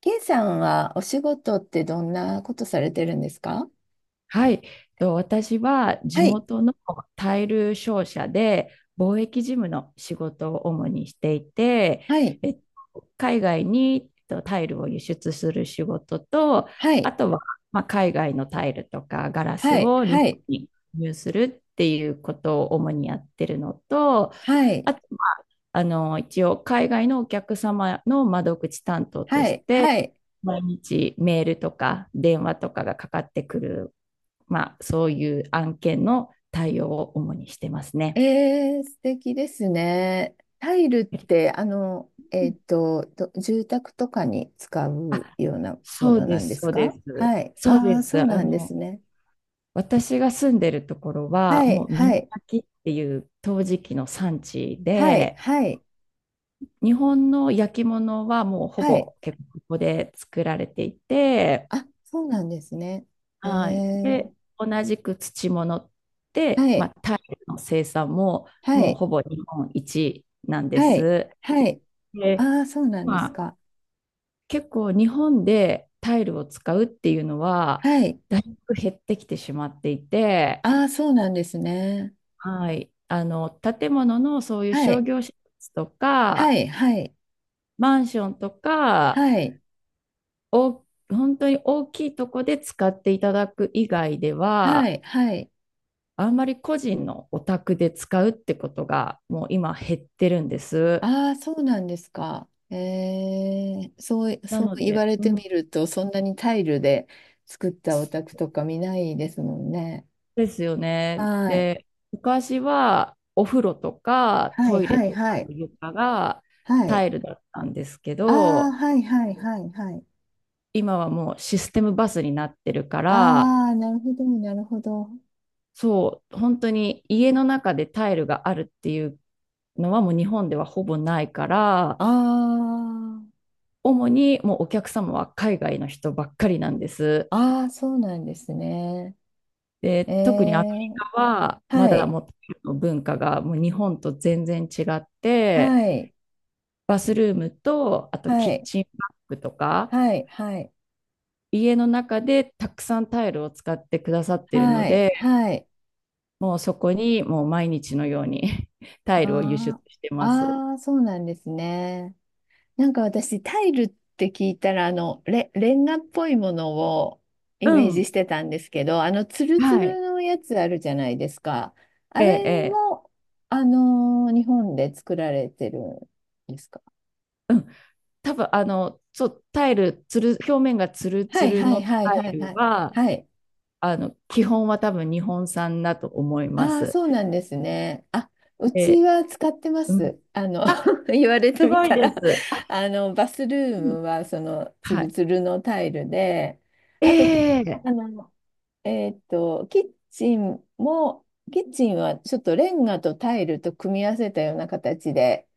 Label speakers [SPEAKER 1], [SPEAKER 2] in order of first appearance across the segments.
[SPEAKER 1] ケイさんはお仕事ってどんなことされてるんですか？
[SPEAKER 2] はい、と私は地
[SPEAKER 1] はい、
[SPEAKER 2] 元のタイル商社で貿易事務の仕事を主にしていて、
[SPEAKER 1] はい、
[SPEAKER 2] えっ海外にタイルを輸出する仕事と、
[SPEAKER 1] は
[SPEAKER 2] あ
[SPEAKER 1] い、
[SPEAKER 2] とは、まあ、海外のタイルとかガラ
[SPEAKER 1] は
[SPEAKER 2] ス
[SPEAKER 1] い、
[SPEAKER 2] を日
[SPEAKER 1] は
[SPEAKER 2] 本
[SPEAKER 1] い、
[SPEAKER 2] に輸入するっていうことを主にやってるのと、
[SPEAKER 1] はい、
[SPEAKER 2] あと、まあ一応海外のお客様の窓口担当と
[SPEAKER 1] は
[SPEAKER 2] し
[SPEAKER 1] い、
[SPEAKER 2] て、
[SPEAKER 1] はい。
[SPEAKER 2] 毎日メールとか電話とかがかかってくる、まあ、そういう案件の対応を主にしてますね。
[SPEAKER 1] えー、素敵ですね。タイルって、住宅とかに使う
[SPEAKER 2] あ、
[SPEAKER 1] ようなも
[SPEAKER 2] そう
[SPEAKER 1] の
[SPEAKER 2] で
[SPEAKER 1] なん
[SPEAKER 2] す、
[SPEAKER 1] で
[SPEAKER 2] そ
[SPEAKER 1] す
[SPEAKER 2] うで
[SPEAKER 1] か？
[SPEAKER 2] す。
[SPEAKER 1] はい。
[SPEAKER 2] そう
[SPEAKER 1] あ
[SPEAKER 2] で
[SPEAKER 1] あ、そう
[SPEAKER 2] す。
[SPEAKER 1] なんですね。
[SPEAKER 2] 私が住んでるところ
[SPEAKER 1] は
[SPEAKER 2] は、も
[SPEAKER 1] い、
[SPEAKER 2] う美
[SPEAKER 1] は
[SPEAKER 2] 濃
[SPEAKER 1] い、
[SPEAKER 2] 焼っていう陶磁器の産地
[SPEAKER 1] はい、
[SPEAKER 2] で、
[SPEAKER 1] はい、
[SPEAKER 2] 日本の焼き物はもうほ
[SPEAKER 1] はい。
[SPEAKER 2] ぼ結構ここで作られていて、
[SPEAKER 1] あ、そうなんですね。え
[SPEAKER 2] はい。
[SPEAKER 1] ー、
[SPEAKER 2] で、同じく土物
[SPEAKER 1] は
[SPEAKER 2] で、ま
[SPEAKER 1] い、
[SPEAKER 2] あ、タイルの生産も
[SPEAKER 1] は
[SPEAKER 2] もう
[SPEAKER 1] い、
[SPEAKER 2] ほぼ日本一なんで
[SPEAKER 1] はい、
[SPEAKER 2] す。
[SPEAKER 1] はい。あ
[SPEAKER 2] で、
[SPEAKER 1] あ、そうなんで
[SPEAKER 2] ま
[SPEAKER 1] す
[SPEAKER 2] あ
[SPEAKER 1] か。
[SPEAKER 2] 結構日本でタイルを使うっていうのは、
[SPEAKER 1] はい。
[SPEAKER 2] だいぶ減ってきてしまっていて、
[SPEAKER 1] ああ、そうなんですね。
[SPEAKER 2] はい。建物のそういう
[SPEAKER 1] は
[SPEAKER 2] 商
[SPEAKER 1] い。
[SPEAKER 2] 業施設と
[SPEAKER 1] は
[SPEAKER 2] か、
[SPEAKER 1] い。はい。
[SPEAKER 2] マンションとか、
[SPEAKER 1] はい。
[SPEAKER 2] 本当に大きいとこで使っていただく以外で
[SPEAKER 1] は
[SPEAKER 2] は、
[SPEAKER 1] い。はい。
[SPEAKER 2] あんまり個人のお宅で使うってことが、もう今減ってるんです。
[SPEAKER 1] ああ、そうなんですか。ええ、そう、
[SPEAKER 2] な
[SPEAKER 1] そう
[SPEAKER 2] の
[SPEAKER 1] 言わ
[SPEAKER 2] で、
[SPEAKER 1] れ
[SPEAKER 2] う
[SPEAKER 1] て
[SPEAKER 2] ん、
[SPEAKER 1] みると、そんなにタイルで作ったお宅とか見ないですもんね。
[SPEAKER 2] ですよね。
[SPEAKER 1] はい。
[SPEAKER 2] で、昔はお風呂とか
[SPEAKER 1] はい。
[SPEAKER 2] トイレ
[SPEAKER 1] はい。
[SPEAKER 2] とか
[SPEAKER 1] はい。
[SPEAKER 2] の床が
[SPEAKER 1] は
[SPEAKER 2] タ
[SPEAKER 1] い。
[SPEAKER 2] イルだったんですけ
[SPEAKER 1] ああ、
[SPEAKER 2] ど、
[SPEAKER 1] はい。はい。はい。はい。
[SPEAKER 2] 今はもうシステムバスになってるから、
[SPEAKER 1] ああ、なるほど。なるほど。
[SPEAKER 2] そう、本当に家の中でタイルがあるっていうのはもう日本ではほぼないから、
[SPEAKER 1] あ
[SPEAKER 2] 主にもうお客様は海外の人ばっかりなんです。
[SPEAKER 1] あ、ああ、そうなんですね。
[SPEAKER 2] で、
[SPEAKER 1] え
[SPEAKER 2] 特にアメ
[SPEAKER 1] え、
[SPEAKER 2] リカはま
[SPEAKER 1] は
[SPEAKER 2] だ
[SPEAKER 1] い。
[SPEAKER 2] もうタイルの文化がもう日本と全然違って、
[SPEAKER 1] はい。
[SPEAKER 2] バスルームと、あとキ
[SPEAKER 1] は
[SPEAKER 2] ッ
[SPEAKER 1] い。
[SPEAKER 2] チンバッグとか、
[SPEAKER 1] はい、はい、
[SPEAKER 2] 家の中でたくさんタイルを使ってくださってるの
[SPEAKER 1] はい、
[SPEAKER 2] で、
[SPEAKER 1] はい。
[SPEAKER 2] もうそこにもう毎日のように タイルを輸出
[SPEAKER 1] あ
[SPEAKER 2] してます。
[SPEAKER 1] あ、ああ、そうなんですね。なんか私、タイルって聞いたら、レンガっぽいものを
[SPEAKER 2] う
[SPEAKER 1] イメージ
[SPEAKER 2] ん。
[SPEAKER 1] してたんですけど、ツルツ
[SPEAKER 2] は
[SPEAKER 1] ル
[SPEAKER 2] い。
[SPEAKER 1] のやつあるじゃないですか。あ
[SPEAKER 2] ええ、
[SPEAKER 1] れ
[SPEAKER 2] ええ。
[SPEAKER 1] も、日本で作られてるんですか？
[SPEAKER 2] うん。多分、そう、タイル、つる、表面がツル
[SPEAKER 1] は
[SPEAKER 2] ツ
[SPEAKER 1] い、
[SPEAKER 2] ル
[SPEAKER 1] はい、
[SPEAKER 2] のタ
[SPEAKER 1] はい、は
[SPEAKER 2] イ
[SPEAKER 1] い、は
[SPEAKER 2] ル
[SPEAKER 1] い。
[SPEAKER 2] は、
[SPEAKER 1] はい。
[SPEAKER 2] 基本は多分日本産だと思いま
[SPEAKER 1] ああ、
[SPEAKER 2] す。
[SPEAKER 1] そうなんですね。あ、うち
[SPEAKER 2] で、
[SPEAKER 1] は使ってま
[SPEAKER 2] うん。
[SPEAKER 1] す。
[SPEAKER 2] あ、
[SPEAKER 1] 言われて
[SPEAKER 2] す
[SPEAKER 1] み
[SPEAKER 2] ごい
[SPEAKER 1] た
[SPEAKER 2] で
[SPEAKER 1] ら、
[SPEAKER 2] す。あ、
[SPEAKER 1] バスルー
[SPEAKER 2] うん、
[SPEAKER 1] ムは、ツ
[SPEAKER 2] は
[SPEAKER 1] ル
[SPEAKER 2] い。
[SPEAKER 1] ツルのタイルで、あと、
[SPEAKER 2] え
[SPEAKER 1] あの、キッチンも、キッチンはちょっとレンガとタイルと組み合わせたような形で、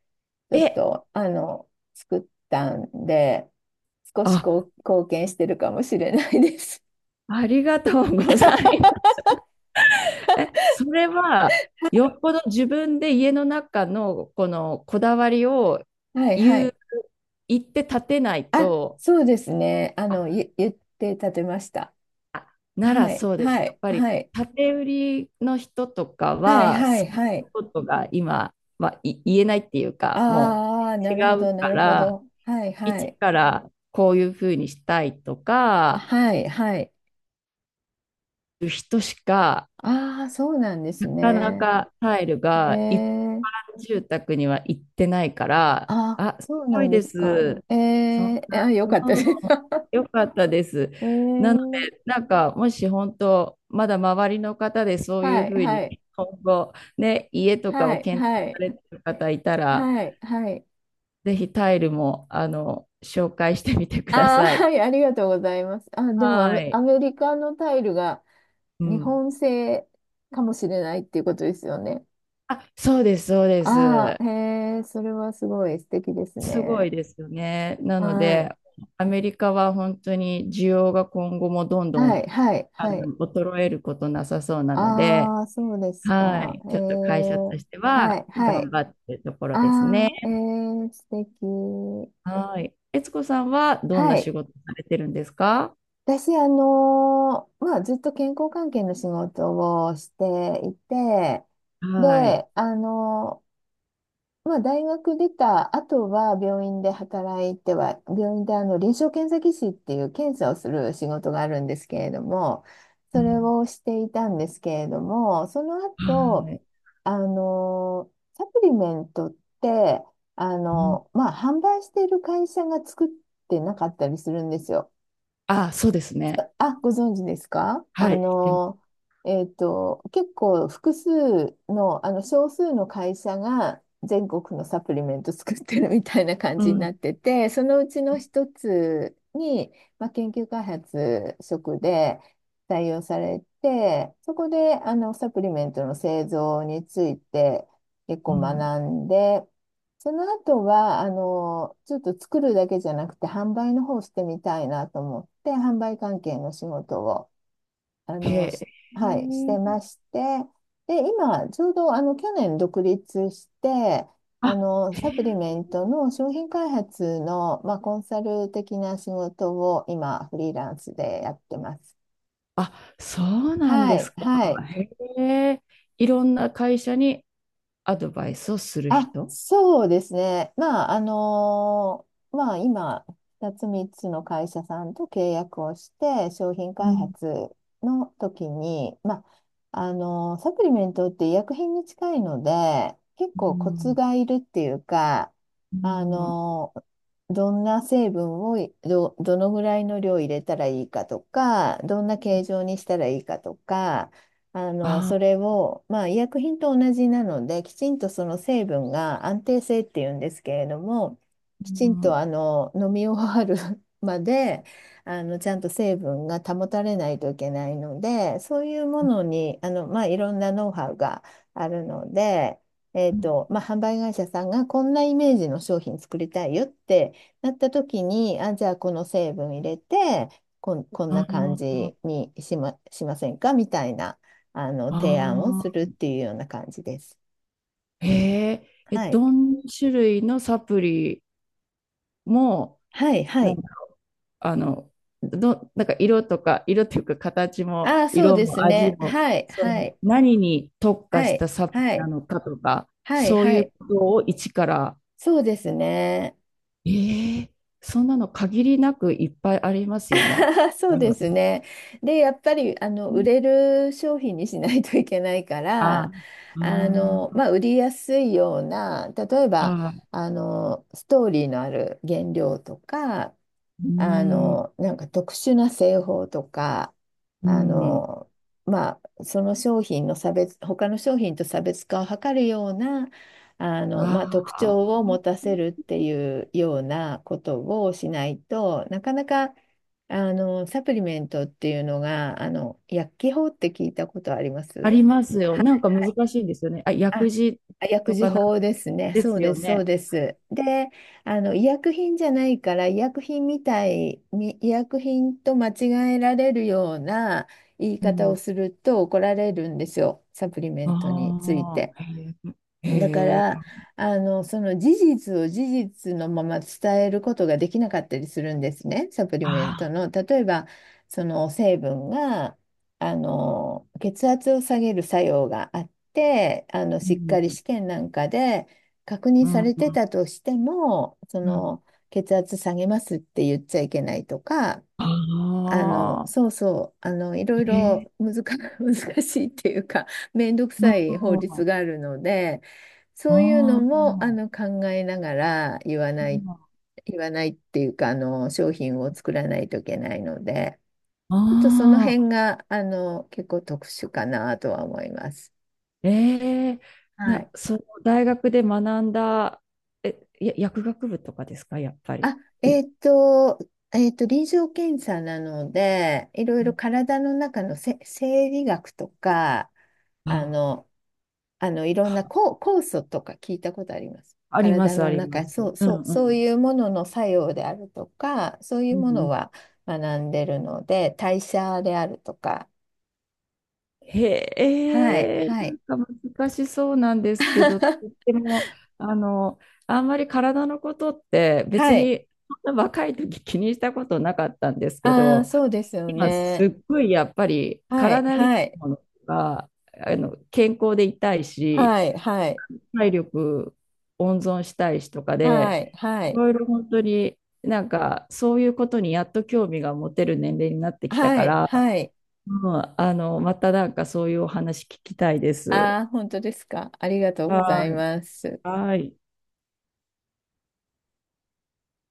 [SPEAKER 1] ち
[SPEAKER 2] え
[SPEAKER 1] ょっ
[SPEAKER 2] え、
[SPEAKER 1] と、作ったんで、少し
[SPEAKER 2] あ、
[SPEAKER 1] こう貢献してるかもしれないです。
[SPEAKER 2] ありがとうございま す。え、それは、よっぽど自分で家の中のこだわりを
[SPEAKER 1] はい、は
[SPEAKER 2] 言
[SPEAKER 1] い。
[SPEAKER 2] う、言って立てない
[SPEAKER 1] あ、
[SPEAKER 2] と、
[SPEAKER 1] そうですね。
[SPEAKER 2] あ、
[SPEAKER 1] 言って立てました。
[SPEAKER 2] なら
[SPEAKER 1] はい、
[SPEAKER 2] そうです。
[SPEAKER 1] は
[SPEAKER 2] やっ
[SPEAKER 1] い、
[SPEAKER 2] ぱり、
[SPEAKER 1] はい、
[SPEAKER 2] 建て売りの人とか
[SPEAKER 1] はい、
[SPEAKER 2] は、
[SPEAKER 1] は
[SPEAKER 2] そ
[SPEAKER 1] い、
[SPEAKER 2] うい
[SPEAKER 1] は
[SPEAKER 2] う
[SPEAKER 1] い。
[SPEAKER 2] ことが今、はい、言えないっていうか、も
[SPEAKER 1] ああ、
[SPEAKER 2] う
[SPEAKER 1] な
[SPEAKER 2] 違
[SPEAKER 1] るほ
[SPEAKER 2] う
[SPEAKER 1] ど、な
[SPEAKER 2] か
[SPEAKER 1] るほ
[SPEAKER 2] ら、
[SPEAKER 1] ど。はい、は
[SPEAKER 2] 一
[SPEAKER 1] い、
[SPEAKER 2] からこういうふうにしたいとか、
[SPEAKER 1] はい、はい。
[SPEAKER 2] いう人しか
[SPEAKER 1] ああ、そうなんです
[SPEAKER 2] なかな
[SPEAKER 1] ね。
[SPEAKER 2] かタイル
[SPEAKER 1] え
[SPEAKER 2] が一般
[SPEAKER 1] え、
[SPEAKER 2] 住宅には行ってないから、
[SPEAKER 1] あ、
[SPEAKER 2] あ、す
[SPEAKER 1] そう
[SPEAKER 2] ご
[SPEAKER 1] な
[SPEAKER 2] い
[SPEAKER 1] んで
[SPEAKER 2] で
[SPEAKER 1] すか。
[SPEAKER 2] す。
[SPEAKER 1] え
[SPEAKER 2] そん
[SPEAKER 1] え、あ、
[SPEAKER 2] な、
[SPEAKER 1] よ
[SPEAKER 2] う
[SPEAKER 1] かった
[SPEAKER 2] ん、
[SPEAKER 1] です。
[SPEAKER 2] よかったです。なの
[SPEAKER 1] ええ、
[SPEAKER 2] で、なんか、もし本当、まだ周りの方でそうい
[SPEAKER 1] は
[SPEAKER 2] う
[SPEAKER 1] い、
[SPEAKER 2] ふう
[SPEAKER 1] は
[SPEAKER 2] に、
[SPEAKER 1] い、
[SPEAKER 2] 今後、ね、家とか
[SPEAKER 1] は
[SPEAKER 2] を
[SPEAKER 1] い、
[SPEAKER 2] 検
[SPEAKER 1] は
[SPEAKER 2] 討さ
[SPEAKER 1] い、
[SPEAKER 2] れてる方いたら、
[SPEAKER 1] はい、はい。
[SPEAKER 2] ぜひタイルも、紹介してみてくだ
[SPEAKER 1] ああ、
[SPEAKER 2] さ
[SPEAKER 1] は
[SPEAKER 2] い。
[SPEAKER 1] い、ありがとうございます。あ、でも
[SPEAKER 2] は
[SPEAKER 1] ア
[SPEAKER 2] い。
[SPEAKER 1] メリカのタイルが
[SPEAKER 2] う
[SPEAKER 1] 日
[SPEAKER 2] ん。
[SPEAKER 1] 本製かもしれないっていうことですよね。
[SPEAKER 2] あ、そうです、そうで
[SPEAKER 1] あ
[SPEAKER 2] す。
[SPEAKER 1] あ、へえ、それはすごい素敵です
[SPEAKER 2] すご
[SPEAKER 1] ね。
[SPEAKER 2] いですよね。なの
[SPEAKER 1] は
[SPEAKER 2] で、
[SPEAKER 1] い。
[SPEAKER 2] アメリカは本当に需要が今後もどんど
[SPEAKER 1] はい、
[SPEAKER 2] ん
[SPEAKER 1] はい、はい。
[SPEAKER 2] 衰えることなさそうなので、
[SPEAKER 1] ああ、そうです
[SPEAKER 2] は
[SPEAKER 1] か。
[SPEAKER 2] い、
[SPEAKER 1] え
[SPEAKER 2] ちょっと会社
[SPEAKER 1] え、
[SPEAKER 2] として
[SPEAKER 1] は
[SPEAKER 2] は
[SPEAKER 1] い、は
[SPEAKER 2] 頑
[SPEAKER 1] い。
[SPEAKER 2] 張ってるとこ
[SPEAKER 1] あ
[SPEAKER 2] ろです
[SPEAKER 1] あ、
[SPEAKER 2] ね。
[SPEAKER 1] ええ、素敵。
[SPEAKER 2] はい。悦子さんはどん
[SPEAKER 1] は
[SPEAKER 2] な仕
[SPEAKER 1] い。
[SPEAKER 2] 事されてるんですか？
[SPEAKER 1] 私、まあ、ずっと健康関係の仕事をしていて、
[SPEAKER 2] はい。
[SPEAKER 1] で、まあ、大学出た後は病院で働いては、病院で臨床検査技師っていう検査をする仕事があるんですけれども、
[SPEAKER 2] う
[SPEAKER 1] それ
[SPEAKER 2] ん、
[SPEAKER 1] をしていたんですけれども、その
[SPEAKER 2] は
[SPEAKER 1] 後、
[SPEAKER 2] い。
[SPEAKER 1] サプリメントって、
[SPEAKER 2] うん、
[SPEAKER 1] まあ、販売している会社が作ってなかったりするんですよ。
[SPEAKER 2] あ、そうですね。
[SPEAKER 1] あ、ご存知ですか？
[SPEAKER 2] はい。
[SPEAKER 1] 結構複数の、少数の会社が全国のサプリメント作ってるみたいな感
[SPEAKER 2] う
[SPEAKER 1] じにな
[SPEAKER 2] ん。
[SPEAKER 1] ってて、そのうちの一つに、まあ、研究開発職で採用されて、そこで、サプリメントの製造について結
[SPEAKER 2] う
[SPEAKER 1] 構
[SPEAKER 2] ん。
[SPEAKER 1] 学んで、その後は、ちょっと作るだけじゃなくて、販売の方をしてみたいなと思って、販売関係の仕事を、あ
[SPEAKER 2] へ
[SPEAKER 1] の、し
[SPEAKER 2] え。
[SPEAKER 1] はい、してまして、で、今、ちょうど、去年独立して、
[SPEAKER 2] あ、へ
[SPEAKER 1] サプリ
[SPEAKER 2] え。
[SPEAKER 1] メントの商品開発の、まあ、コンサル的な仕事を今、フリーランスでやってます。
[SPEAKER 2] あ、そうなん
[SPEAKER 1] は
[SPEAKER 2] です
[SPEAKER 1] い、
[SPEAKER 2] か。
[SPEAKER 1] はい。
[SPEAKER 2] へえ。いろんな会社にアドバイスをする
[SPEAKER 1] あ、
[SPEAKER 2] 人。
[SPEAKER 1] そうですね。まあ、まあ、今、2つ3つの会社さんと契約をして、商品
[SPEAKER 2] う
[SPEAKER 1] 開
[SPEAKER 2] ん、
[SPEAKER 1] 発の時に、まあ、サプリメントって医薬品に近いので、結
[SPEAKER 2] う
[SPEAKER 1] 構コツ
[SPEAKER 2] ん、
[SPEAKER 1] がいるっていうか、
[SPEAKER 2] う
[SPEAKER 1] あ
[SPEAKER 2] ん。
[SPEAKER 1] のどんな成分をどのぐらいの量入れたらいいかとか、どんな形状にしたらいいかとか、
[SPEAKER 2] あ、
[SPEAKER 1] それを、まあ、医薬品と同じなので、きちんとその成分が安定性っていうんですけれども、
[SPEAKER 2] う
[SPEAKER 1] きちんと
[SPEAKER 2] ん。
[SPEAKER 1] 飲み終わる までちゃんと成分が保たれないといけないので、そういうものにまあ、いろんなノウハウがあるので、まあ、販売会社さんがこんなイメージの商品作りたいよってなった時に、あ、じゃあこの成分入れて、こん
[SPEAKER 2] あ
[SPEAKER 1] な感
[SPEAKER 2] ー、
[SPEAKER 1] じにしませんかみたいな。提案をするっ
[SPEAKER 2] あ
[SPEAKER 1] ていうような感じです。
[SPEAKER 2] ー、へえ。え、
[SPEAKER 1] はい。
[SPEAKER 2] どんな種類のサプリも、
[SPEAKER 1] はい、は
[SPEAKER 2] なん
[SPEAKER 1] い。
[SPEAKER 2] か、あの、なんか色とか、色っていうか形も、
[SPEAKER 1] ああ、そう
[SPEAKER 2] 色
[SPEAKER 1] です
[SPEAKER 2] も味
[SPEAKER 1] ね。
[SPEAKER 2] も、
[SPEAKER 1] はい、
[SPEAKER 2] そ
[SPEAKER 1] は
[SPEAKER 2] の
[SPEAKER 1] い、
[SPEAKER 2] 何に特化
[SPEAKER 1] は
[SPEAKER 2] した
[SPEAKER 1] い、
[SPEAKER 2] サプ
[SPEAKER 1] は
[SPEAKER 2] リな
[SPEAKER 1] い、
[SPEAKER 2] のかとか、
[SPEAKER 1] はい、
[SPEAKER 2] そう
[SPEAKER 1] は
[SPEAKER 2] いう
[SPEAKER 1] い。
[SPEAKER 2] ことを一から、
[SPEAKER 1] そうですね。
[SPEAKER 2] ええ、そんなの限りなくいっぱいありますよね。
[SPEAKER 1] そう
[SPEAKER 2] なる
[SPEAKER 1] で
[SPEAKER 2] ほど
[SPEAKER 1] すね。で、やっぱり売
[SPEAKER 2] ね。
[SPEAKER 1] れる商品にしないといけないか
[SPEAKER 2] あ
[SPEAKER 1] ら、
[SPEAKER 2] あ、あ
[SPEAKER 1] まあ、売りやすいような、例えば
[SPEAKER 2] あ、
[SPEAKER 1] ストーリーのある原料とか、
[SPEAKER 2] うん、
[SPEAKER 1] なんか特殊な製法とか、
[SPEAKER 2] う
[SPEAKER 1] あ
[SPEAKER 2] ん、
[SPEAKER 1] の、まあ、その商品の他の商品と差別化を図るような、まあ、
[SPEAKER 2] あ
[SPEAKER 1] 特
[SPEAKER 2] あ、
[SPEAKER 1] 徴を持たせるっていうようなことをしないとなかなかサプリメントっていうのが、薬機法って聞いたことありま
[SPEAKER 2] あ
[SPEAKER 1] す？
[SPEAKER 2] りますよ。なんか難しいんですよね。あ、
[SPEAKER 1] あ、
[SPEAKER 2] 薬事
[SPEAKER 1] 薬
[SPEAKER 2] と
[SPEAKER 1] 事
[SPEAKER 2] かなん
[SPEAKER 1] 法ですね。
[SPEAKER 2] で
[SPEAKER 1] そ
[SPEAKER 2] す
[SPEAKER 1] う
[SPEAKER 2] よ
[SPEAKER 1] です、そう
[SPEAKER 2] ね。
[SPEAKER 1] です。で、医薬品じゃないから、医薬品みたいに、医薬品と間違えられるような言い
[SPEAKER 2] う
[SPEAKER 1] 方を
[SPEAKER 2] ん、
[SPEAKER 1] すると怒られるんですよ、サプリメントについ
[SPEAKER 2] あ
[SPEAKER 1] て。
[SPEAKER 2] あ、へえ、へ
[SPEAKER 1] だか
[SPEAKER 2] え、
[SPEAKER 1] ら、その事実を事実のまま伝えることができなかったりするんですね、サプリ
[SPEAKER 2] あ
[SPEAKER 1] メント
[SPEAKER 2] あ、
[SPEAKER 1] の。例えば、その成分が、血圧を下げる作用があって、
[SPEAKER 2] う
[SPEAKER 1] しっかり
[SPEAKER 2] ん、
[SPEAKER 1] 試験なんかで確認
[SPEAKER 2] う
[SPEAKER 1] さ
[SPEAKER 2] ん、
[SPEAKER 1] れてたとしても、
[SPEAKER 2] うん、
[SPEAKER 1] 血圧下げますって言っちゃいけないとか、
[SPEAKER 2] ああ、
[SPEAKER 1] そうそう、いろい
[SPEAKER 2] へえ、
[SPEAKER 1] ろ 難しいっていうか、めんどく
[SPEAKER 2] あ
[SPEAKER 1] さ
[SPEAKER 2] あ、
[SPEAKER 1] い法律
[SPEAKER 2] あ
[SPEAKER 1] があるので、そういうのも、
[SPEAKER 2] あ、
[SPEAKER 1] 考えながら言わない、言わないっていうか、商品を作らないといけないので、ちょっとその
[SPEAKER 2] ああ、
[SPEAKER 1] 辺が、結構特殊かなとは思います。
[SPEAKER 2] ええ、
[SPEAKER 1] は
[SPEAKER 2] な、
[SPEAKER 1] い。
[SPEAKER 2] その大学で学んだ、え、や、薬学部とかですか、やっぱり。
[SPEAKER 1] あ、
[SPEAKER 2] い、
[SPEAKER 1] えっと、臨床検査なので、いろい
[SPEAKER 2] う
[SPEAKER 1] ろ
[SPEAKER 2] ん、
[SPEAKER 1] 体の中の生理学とか、あ
[SPEAKER 2] あ、
[SPEAKER 1] の、いろんな酵素とか聞いたことあります。
[SPEAKER 2] ありま
[SPEAKER 1] 体
[SPEAKER 2] す、あ
[SPEAKER 1] の
[SPEAKER 2] りま
[SPEAKER 1] 中、
[SPEAKER 2] す。
[SPEAKER 1] そう、
[SPEAKER 2] う
[SPEAKER 1] そ
[SPEAKER 2] ん
[SPEAKER 1] う、
[SPEAKER 2] う
[SPEAKER 1] そう
[SPEAKER 2] ん。
[SPEAKER 1] いうものの作用であるとか、そうい
[SPEAKER 2] う
[SPEAKER 1] う
[SPEAKER 2] んう
[SPEAKER 1] もの
[SPEAKER 2] ん、
[SPEAKER 1] は学んでるので、代謝であるとか、
[SPEAKER 2] へ
[SPEAKER 1] はい、
[SPEAKER 2] え、
[SPEAKER 1] はい。
[SPEAKER 2] なんか難しそうなんですけど、でも、あの、あんまり体のことって
[SPEAKER 1] は
[SPEAKER 2] 別
[SPEAKER 1] い。
[SPEAKER 2] にそんな若い時気にしたことなかったんですけ
[SPEAKER 1] ああ、
[SPEAKER 2] ど、
[SPEAKER 1] そうですよ
[SPEAKER 2] 今す
[SPEAKER 1] ね。
[SPEAKER 2] っごいやっぱり
[SPEAKER 1] はい、
[SPEAKER 2] 体にい
[SPEAKER 1] は
[SPEAKER 2] い
[SPEAKER 1] い、
[SPEAKER 2] ものが、健康でいたいし、
[SPEAKER 1] はい、はい、
[SPEAKER 2] 体力温存したいしとか
[SPEAKER 1] は
[SPEAKER 2] で、
[SPEAKER 1] い、は
[SPEAKER 2] い
[SPEAKER 1] い。
[SPEAKER 2] ろいろ本当になんかそういうことにやっと興味が持てる年齢になってきた
[SPEAKER 1] は
[SPEAKER 2] か
[SPEAKER 1] い、
[SPEAKER 2] ら、
[SPEAKER 1] はい。
[SPEAKER 2] うん、またなんかそういうお話聞きたいです。
[SPEAKER 1] ああ、本当ですか？ありがとうござい
[SPEAKER 2] はい。
[SPEAKER 1] ます。
[SPEAKER 2] はい。